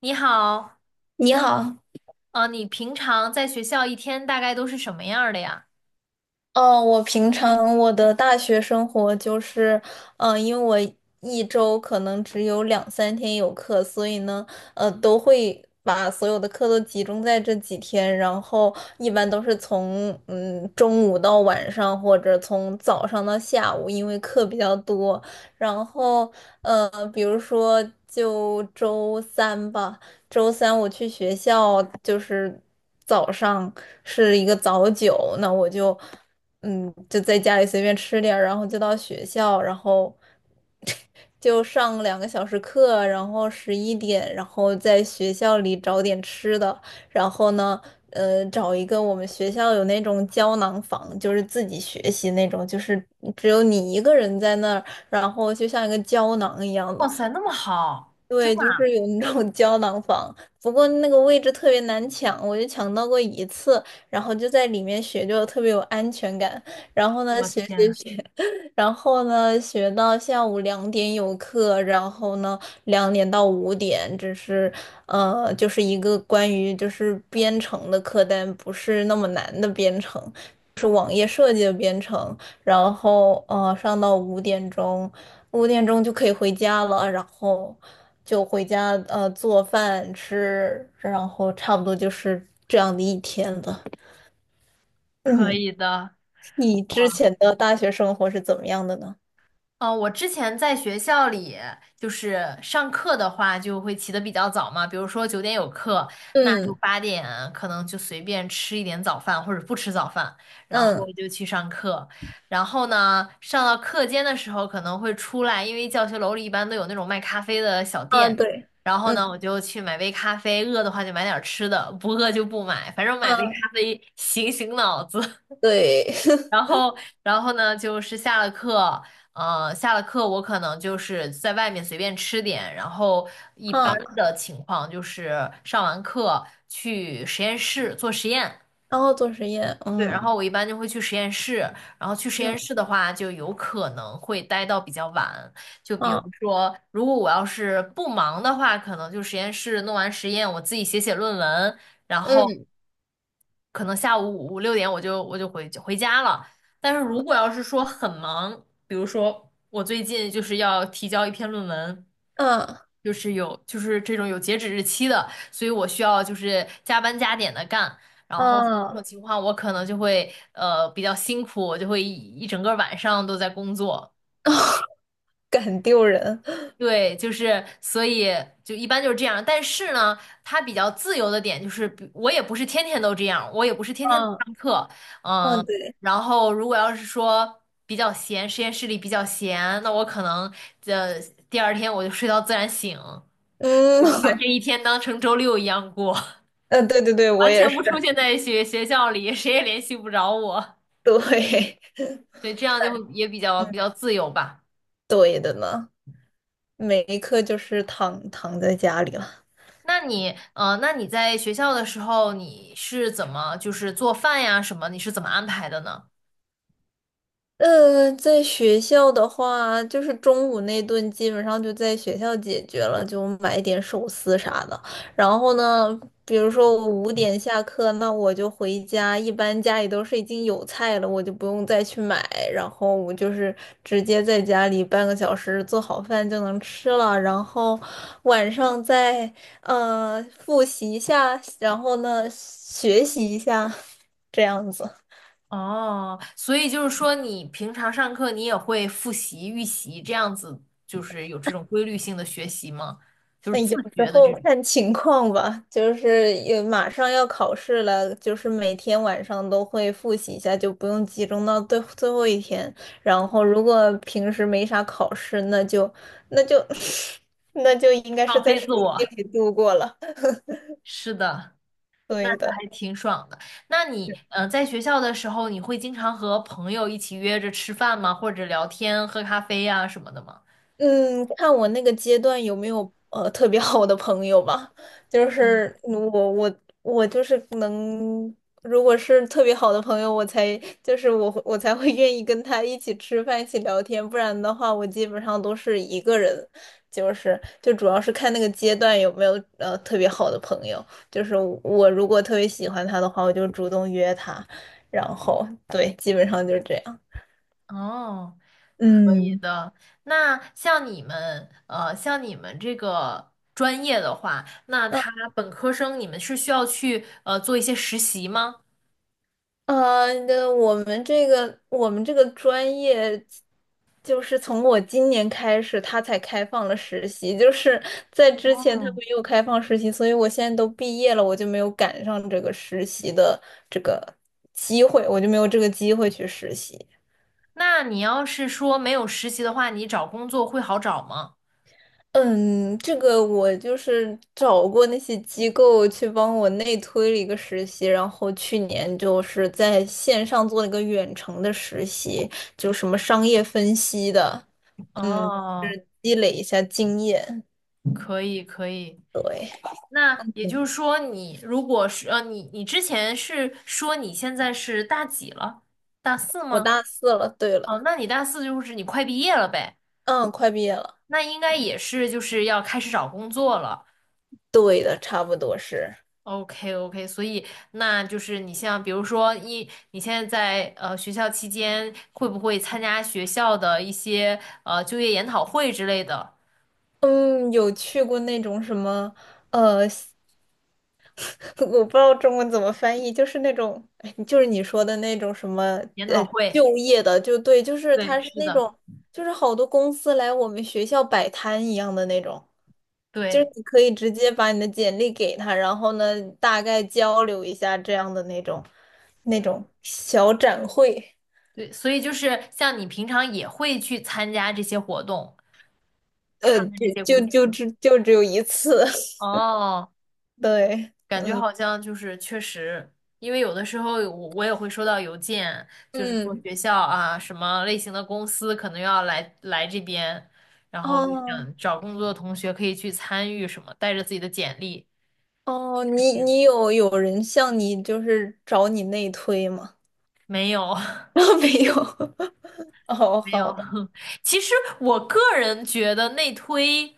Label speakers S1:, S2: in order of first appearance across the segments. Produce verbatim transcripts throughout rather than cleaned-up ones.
S1: 你好，
S2: 你好。
S1: 呃，你平常在学校一天大概都是什么样儿的呀？
S2: 呃，我平常我的大学生活就是，呃，因为我一周可能只有两三天有课，所以呢，呃，都会把所有的课都集中在这几天，然后一般都是从嗯中午到晚上，或者从早上到下午，因为课比较多。然后，呃，比如说就周三吧。周三我去学校，就是早上是一个早九，那我就嗯就在家里随便吃点儿，然后就到学校，然后 就上两个小时课，然后十一点，然后在学校里找点吃的，然后呢。呃，找一个，我们学校有那种胶囊房，就是自己学习那种，就是只有你一个人在那儿，然后就像一个胶囊一样的。
S1: 哇塞，那么好，真
S2: 对，
S1: 的，
S2: 就是有那种胶囊房，不过那个位置特别难抢，我就抢到过一次，然后就在里面学，就特别有安全感。然后呢，
S1: 我
S2: 学学
S1: 天，
S2: 学，然后呢，学到下午两点有课，然后呢，两点到五点，只是呃，就是一个关于就是编程的课，但不是那么难的编程，是网页设计的编程。然后呃，上到五点钟。五点钟就可以回家了，然后就回家呃做饭吃，然后差不多就是这样的一天了。
S1: 可
S2: 嗯，
S1: 以的，
S2: 你之
S1: 哇。
S2: 前的大学生活是怎么样的呢？
S1: 嗯呃，我之前在学校里，就是上课的话，就会起得比较早嘛，比如说九点有课，那就
S2: 嗯
S1: 八点可能就随便吃一点早饭，或者不吃早饭，然后
S2: 嗯，
S1: 就去上课。然后呢，上到课间的时候可能会出来，因为教学楼里一般都有那种卖咖啡的小
S2: 啊
S1: 店，
S2: 对，
S1: 然后
S2: 嗯，
S1: 呢，我就去买杯咖啡，饿的话就买点儿吃的，不饿就不买，反正买杯
S2: 啊
S1: 咖啡醒醒脑子。
S2: 对，
S1: 然 后，然后呢，就是下了课，呃，下了课我可能就是在外面随便吃点，然后一般
S2: 啊，
S1: 的情况就是上完课去实验室做实验，
S2: 然后做实验，
S1: 对，然
S2: 嗯
S1: 后我一般就会去实验室，然后去实验
S2: 嗯，
S1: 室的话，就有可能会待到比较晚，就比如
S2: 啊，
S1: 说，如果我要是不忙的话，可能就实验室弄完实验，我自己写写论文，然后。
S2: 嗯，
S1: 可能下午五五六点我就我就回回家了。但是如果要是说很忙，比如说我最近就是要提交一篇论文，
S2: 啊
S1: 就是有就是这种有截止日期的，所以我需要就是加班加点的干。然后这种
S2: 啊，
S1: 情况我可能就会呃比较辛苦，我就会一一整个晚上都在工作。
S2: 很丢人。
S1: 对，就是所以就一般就是这样，但是呢，它比较自由的点就是比，我也不是天天都这样，我也不是天天都
S2: 啊，
S1: 上课，
S2: 啊
S1: 嗯，
S2: 对，
S1: 然后如果要是说比较闲，实验室里比较闲，那我可能呃第二天我就睡到自然醒，我
S2: 嗯，
S1: 就把这一 天当成周六一样过，
S2: 呃对对对，我
S1: 完
S2: 也
S1: 全
S2: 是。
S1: 不出现在学学校里，谁也联系不着我，
S2: 对，
S1: 对，这样就会也比 较
S2: 嗯，
S1: 比较自由吧。
S2: 对的呢。每一刻就是躺躺在家里了。
S1: 那你，呃，那你在学校的时候，你是怎么就是做饭呀什么？你是怎么安排的呢？
S2: 呃，在学校的话，就是中午那顿基本上就在学校解决了，就买一点寿司啥的。然后呢，比如说我五点下课，那我就回家，一般家里都是已经有菜了，我就不用再去买，然后我就是直接在家里半个小时做好饭就能吃了。然后晚上再呃复习一下，然后呢学习一下，这样子。
S1: 哦，所以就是说，你平常上课你也会复习、预习这样子，就是有这种规律性的学习吗？就是
S2: 但
S1: 自
S2: 有时
S1: 觉的
S2: 候
S1: 这种
S2: 看情况吧，就是也马上要考试了，就是每天晚上都会复习一下，就不用集中到最最后一天。然后如果平时没啥考试，那就那就 那就应该是
S1: 放
S2: 在
S1: 飞
S2: 手
S1: 自我。
S2: 机里度过了。
S1: 是的，那这
S2: 对的。
S1: 还挺爽的。那你，呃，在学校的时候，你会经常和朋友一起约着吃饭吗？或者聊天、喝咖啡呀什么的吗？
S2: 嗯，看我那个阶段有没有呃特别好的朋友吧。就是嗯我我我就是能，如果是特别好的朋友，我才就是我会我才会愿意跟他一起吃饭、一起聊天。不然的话，我基本上都是一个人。就是就主要是看那个阶段有没有呃特别好的朋友。就是我如果特别喜欢他的话，我就主动约他。然后对，基本上就是这样。
S1: 哦，可以
S2: 嗯，
S1: 的。那像你们，呃，像你们这个专业的话，那他本科生你们是需要去呃做一些实习吗？
S2: 呃，那我们这个我们这个专业，就是从我今年开始，他才开放了实习，就是在之前他
S1: 哦，
S2: 没有开放实习，所以我现在都毕业了，我就没有赶上这个实习的这个机会，我就没有这个机会去实习。
S1: 那你要是说没有实习的话，你找工作会好找吗？
S2: 嗯，这个我就是找过那些机构去帮我内推了一个实习，然后去年就是在线上做了一个远程的实习，就什么商业分析的。
S1: 哦，
S2: 积累一下经验。
S1: 可以可以。
S2: 对。
S1: 那也就
S2: 嗯，
S1: 是说，你如果是呃，你你之前是说你现在是大几了？大四
S2: 我
S1: 吗？
S2: 大四了。对
S1: 哦，
S2: 了。
S1: 那你大四就是你快毕业了呗。
S2: 嗯，快毕业了。
S1: 那应该也是就是要开始找工作了。
S2: 对的，差不多是。
S1: OK OK，所以那就是你像比如说一，你现在在呃学校期间会不会参加学校的一些呃就业研讨会之类的
S2: 嗯，有去过那种什么，呃，我不知道中文怎么翻译，就是那种，哎，就是你说的那种什么
S1: 研讨会？
S2: 就业的，就对，就是
S1: 对，
S2: 他是
S1: 是
S2: 那
S1: 的，
S2: 种，就是好多公司来我们学校摆摊一样的那种，就是
S1: 对，
S2: 你可以直接把你的简历给他，然后呢，大概交流一下这样的那种，那
S1: 嗯，
S2: 种小展会。
S1: 对，所以就是像你平常也会去参加这些活动，
S2: 呃，
S1: 看看
S2: 就
S1: 这些
S2: 就
S1: 公
S2: 就
S1: 司。
S2: 只就只有一次，
S1: 哦。
S2: 对。
S1: 感觉
S2: 嗯
S1: 好像就是确实，因为有的时候我我也会收到邮件，就是说
S2: 嗯，
S1: 学校啊什么类型的公司可能要来来这边，然后就
S2: 哦
S1: 想找工作的同学可以去参与什么，带着自己的简历。
S2: 哦，你
S1: 嗯
S2: 你有有人向你就是找你内推吗？
S1: 没有，
S2: 没有。哦，
S1: 没
S2: 好
S1: 有。
S2: 的。
S1: 其实我个人觉得内推，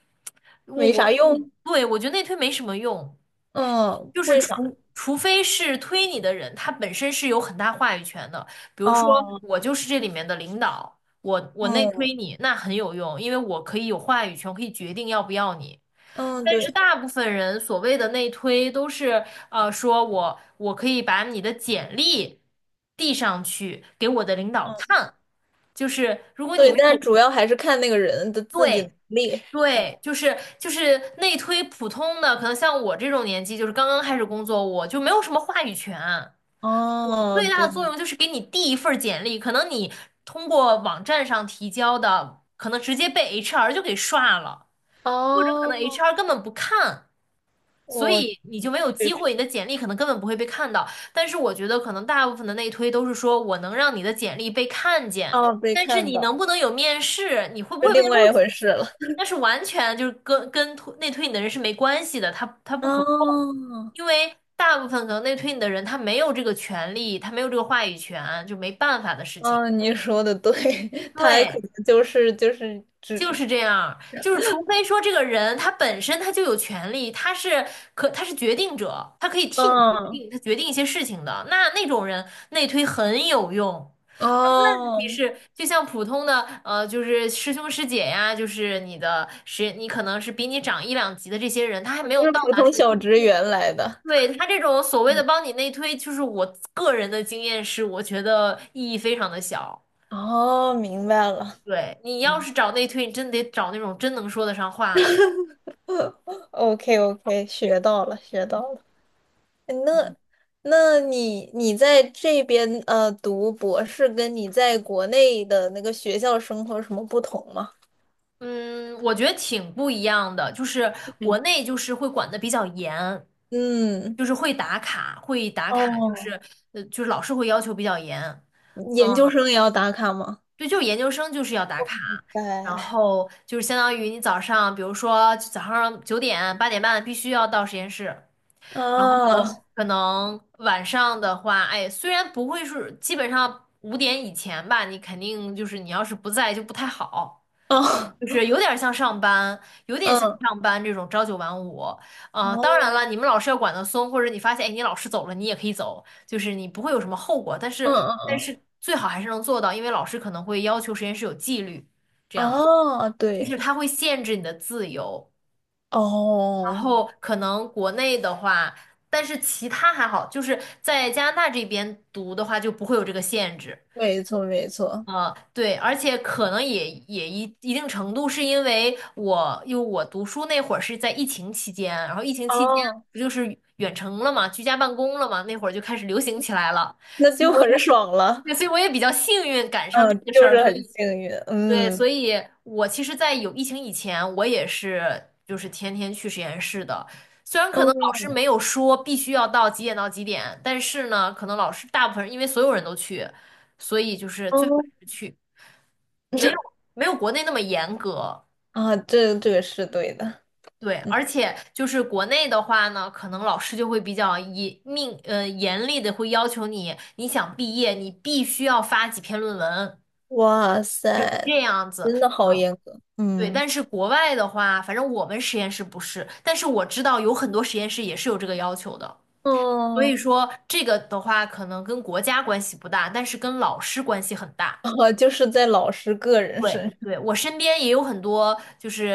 S1: 我
S2: 没
S1: 我
S2: 啥
S1: 自己
S2: 用。
S1: 对我觉得内推没什么用。
S2: 嗯，
S1: 就是
S2: 为啥？
S1: 除除非是推你的人，他本身是有很大话语权的。比如说，
S2: 哦，
S1: 我就是这里面的领导，我我内
S2: 嗯
S1: 推你，那很有用，因为我可以有话语权，我可以决定要不要你。
S2: 嗯，
S1: 但是
S2: 对，
S1: 大部分人所谓的内推都是，呃，说我我可以把你的简历递上去给我的领导
S2: 嗯，
S1: 看，就是如果你。
S2: 对，但主要还是看那个人的自己
S1: 对。
S2: 能力。
S1: 对，就是就是内推普通的，可能像我这种年纪，就是刚刚开始工作，我就没有什么话语权。
S2: 哦，
S1: 最大
S2: 对，
S1: 的作用就是给你递一份儿简历，可能你通过网站上提交的，可能直接被 H R 就给刷了，或者可能
S2: 哦，
S1: H R 根本不看。所
S2: 我
S1: 以你就没有机
S2: 去，
S1: 会，你的简历可能根本不会被看到。但是我觉得，可能大部分的内推都是说我能让你的简历被看见，
S2: 哦，被
S1: 但是
S2: 看
S1: 你能
S2: 到，
S1: 不能有面试，你会不
S2: 是
S1: 会被
S2: 另外
S1: 录
S2: 一
S1: 取，
S2: 回事了。
S1: 那是完全就是跟跟推内推你的人是没关系的，他他不可控，
S2: 哦，
S1: 因为大部分可能内推你的人他没有这个权利，他没有这个话语权，就没办法的事情。
S2: 嗯，你说的对。他还可
S1: 对。
S2: 能就是就是只，
S1: 就是这样，就是除非说这个人他本身他就有权利，他是可他是决定者，他可以替你决
S2: 嗯，
S1: 定，他决定一些事情的，那那种人内推很有用。但问题
S2: 哦，
S1: 是，就像普通的呃，就是师兄师姐呀，就是你的师，你可能是比你长一两级的这些人，他还
S2: 哦，
S1: 没有
S2: 就
S1: 到
S2: 是普
S1: 达那
S2: 通
S1: 个
S2: 小
S1: 地步。
S2: 职员来的。
S1: 对，他这种所谓的
S2: 嗯，
S1: 帮你内推，就是我个人的经验是，我觉得意义非常的小。
S2: 哦，明白了
S1: 对，你要是找内推，你真得找那种真能说得上话的。
S2: ，OK OK，学到了学到了。那那你你在这边呃读博士，跟你在国内的那个学校生活有什么不同吗？
S1: 嗯，我觉得挺不一样的，就是国
S2: 嗯
S1: 内就是会管的比较严，
S2: 嗯。
S1: 就是会打卡，会打卡，就
S2: 哦，
S1: 是呃，就是老师会要求比较严。
S2: 研
S1: 嗯，
S2: 究生也要打卡吗？
S1: 对，就是研究生就是要打卡，然
S2: 对。
S1: 后就是相当于你早上，比如说早上九点八点半必须要到实验室，
S2: 啊，
S1: 哦，可能晚上的话，哎，虽然不会是基本上五点以前吧，你肯定就是你要是不在就不太好。
S2: 哦，
S1: 就是有点像上班，有点像
S2: 嗯。
S1: 上班这种朝九晚五。呃，当然了，
S2: 哦，
S1: 你们老师要管得松，或者你发现，哎，你老师走了，你也可以走，就是你不会有什么后果。但
S2: 嗯
S1: 是，但
S2: 嗯
S1: 是最好还是能做到，因为老师可能会要求实验室有纪律，这样
S2: 嗯，哦，
S1: 就
S2: 对，
S1: 是他会限制你的自由。然
S2: 哦，
S1: 后可能国内的话，但是其他还好，就是在加拿大这边读的话就不会有这个限制。
S2: 没错没错。
S1: 呃，对，而且可能也也一一定程度是因为我，因为我读书那会儿是在疫情期间，然后疫情期间
S2: 哦，
S1: 不就是远程了嘛，居家办公了嘛，那会儿就开始流行起来了，
S2: 那
S1: 所以
S2: 就
S1: 我也，
S2: 很爽了。
S1: 对，所以我也比较幸运赶上这
S2: 嗯，
S1: 个 事
S2: 就
S1: 儿，
S2: 是
S1: 所
S2: 很
S1: 以
S2: 幸运。
S1: 对，
S2: 嗯
S1: 所以我其实，在有疫情以前，我也是就是天天去实验室的，虽然可能老师
S2: 嗯
S1: 没有说必须要到几点到几点，但是呢，可能老师大部分人因为所有人都去，所以就是最好
S2: 嗯，
S1: 还是去。没有 没有国内那么严格，
S2: 啊，这这个是对的。
S1: 对，
S2: 嗯，
S1: 而且就是国内的话呢，可能老师就会比较严命呃严厉的会要求你，你想毕业，你必须要发几篇论文，
S2: 哇
S1: 就是
S2: 塞，
S1: 这样子，
S2: 真的好
S1: 嗯，
S2: 严格。
S1: 对。
S2: 嗯，
S1: 但是国外的话，反正我们实验室不是，但是我知道有很多实验室也是有这个要求的，所以
S2: 哦，
S1: 说这个的话可能跟国家关系不大，但是跟老师关系很大。
S2: 啊，就是在老师个人身
S1: 对
S2: 上。
S1: 对，我身边也有很多，就是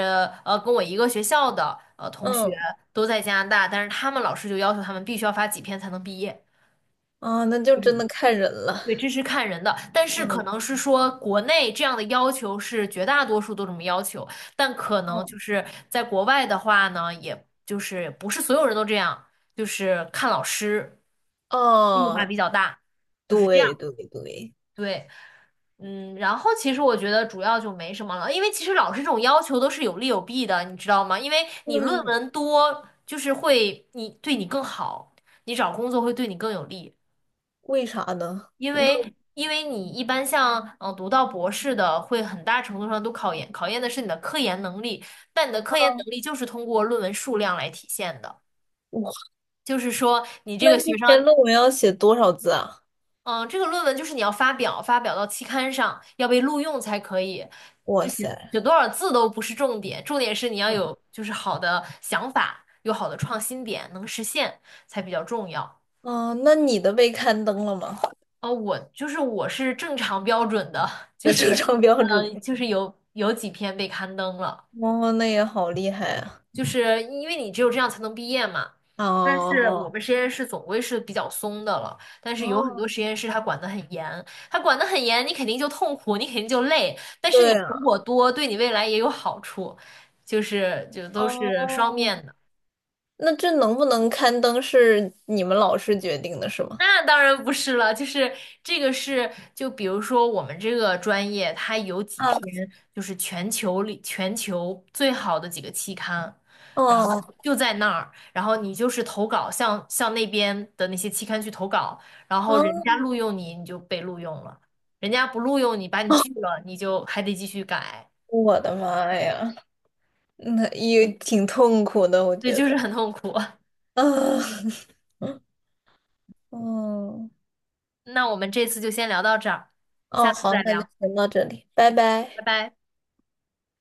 S1: 呃，跟我一个学校的呃同学
S2: 嗯，
S1: 都在加拿大，但是他们老师就要求他们必须要发几篇才能毕业。
S2: 啊，那就真的看人了。
S1: 对，这是看人的，但是可
S2: 嗯，
S1: 能是说国内这样的要求是绝大多数都这么要求，但可能
S2: 哦
S1: 就是在国外的话呢，也就是不是所有人都这样，就是看老师变化
S2: 哦，
S1: 比较大，就是这样。
S2: 对对对。
S1: 对。嗯，然后其实我觉得主要就没什么了，因为其实老师这种要求都是有利有弊的，你知道吗？因为你论
S2: 嗯，
S1: 文多，就是会你对你更好，你找工作会对你更有利，
S2: 为啥呢？
S1: 因为因为你一般像嗯、呃读到博士的，会很大程度上都考研考验的是你的科研能力，但你的科研能力就是通过论文数量来体现的，
S2: 我。
S1: 就是说你这
S2: 那
S1: 个
S2: 一
S1: 学生
S2: 篇论文要写多少字啊？
S1: 嗯，这个论文就是你要发表，发表到期刊上，要被录用才可以。
S2: 哇
S1: 这写写
S2: 塞。
S1: 多少字都不是重点，重点是你要
S2: 嗯，
S1: 有就是好的想法，有好的创新点，能实现才比较重要。
S2: 哦，那你的被刊登了吗？
S1: 哦，我就是我是正常标准的，
S2: 那
S1: 就是
S2: 正常标
S1: 嗯
S2: 准
S1: 呃
S2: 的。
S1: 就是有有几篇被刊登了。
S2: 哦，那也好厉害啊！
S1: 就是因为你只有这样才能毕业嘛。但是我
S2: 哦，
S1: 们实验室总归是比较松的了，但是有很
S2: 哦，
S1: 多实验室它管得很严，它管得很严，你肯定就痛苦，你肯定就累，但是你
S2: 对
S1: 成
S2: 啊。
S1: 果多，对你未来也有好处，就是就都是双
S2: 哦，
S1: 面的。
S2: 那这能不能刊登是你们老师决定的，是吗？
S1: 那当然不是了，就是这个是，就比如说我们这个专业，它有几
S2: 啊。
S1: 篇就是全球里全球最好的几个期刊，然后
S2: 哦。
S1: 就在那儿，然后你就是投稿，向向那边的那些期刊去投稿，然后人家录
S2: 哦，
S1: 用你，你就被录用了；人家不录用你，把你拒了，你就还得继续改，
S2: 我的妈呀，那也挺痛苦的，我
S1: 对，
S2: 觉
S1: 就是
S2: 得。
S1: 很痛苦。
S2: 啊，嗯，
S1: 那我们这次就先聊到这儿，
S2: 哦，
S1: 下次
S2: 好，
S1: 再
S2: 那就
S1: 聊，
S2: 先到这里，拜
S1: 拜
S2: 拜。
S1: 拜。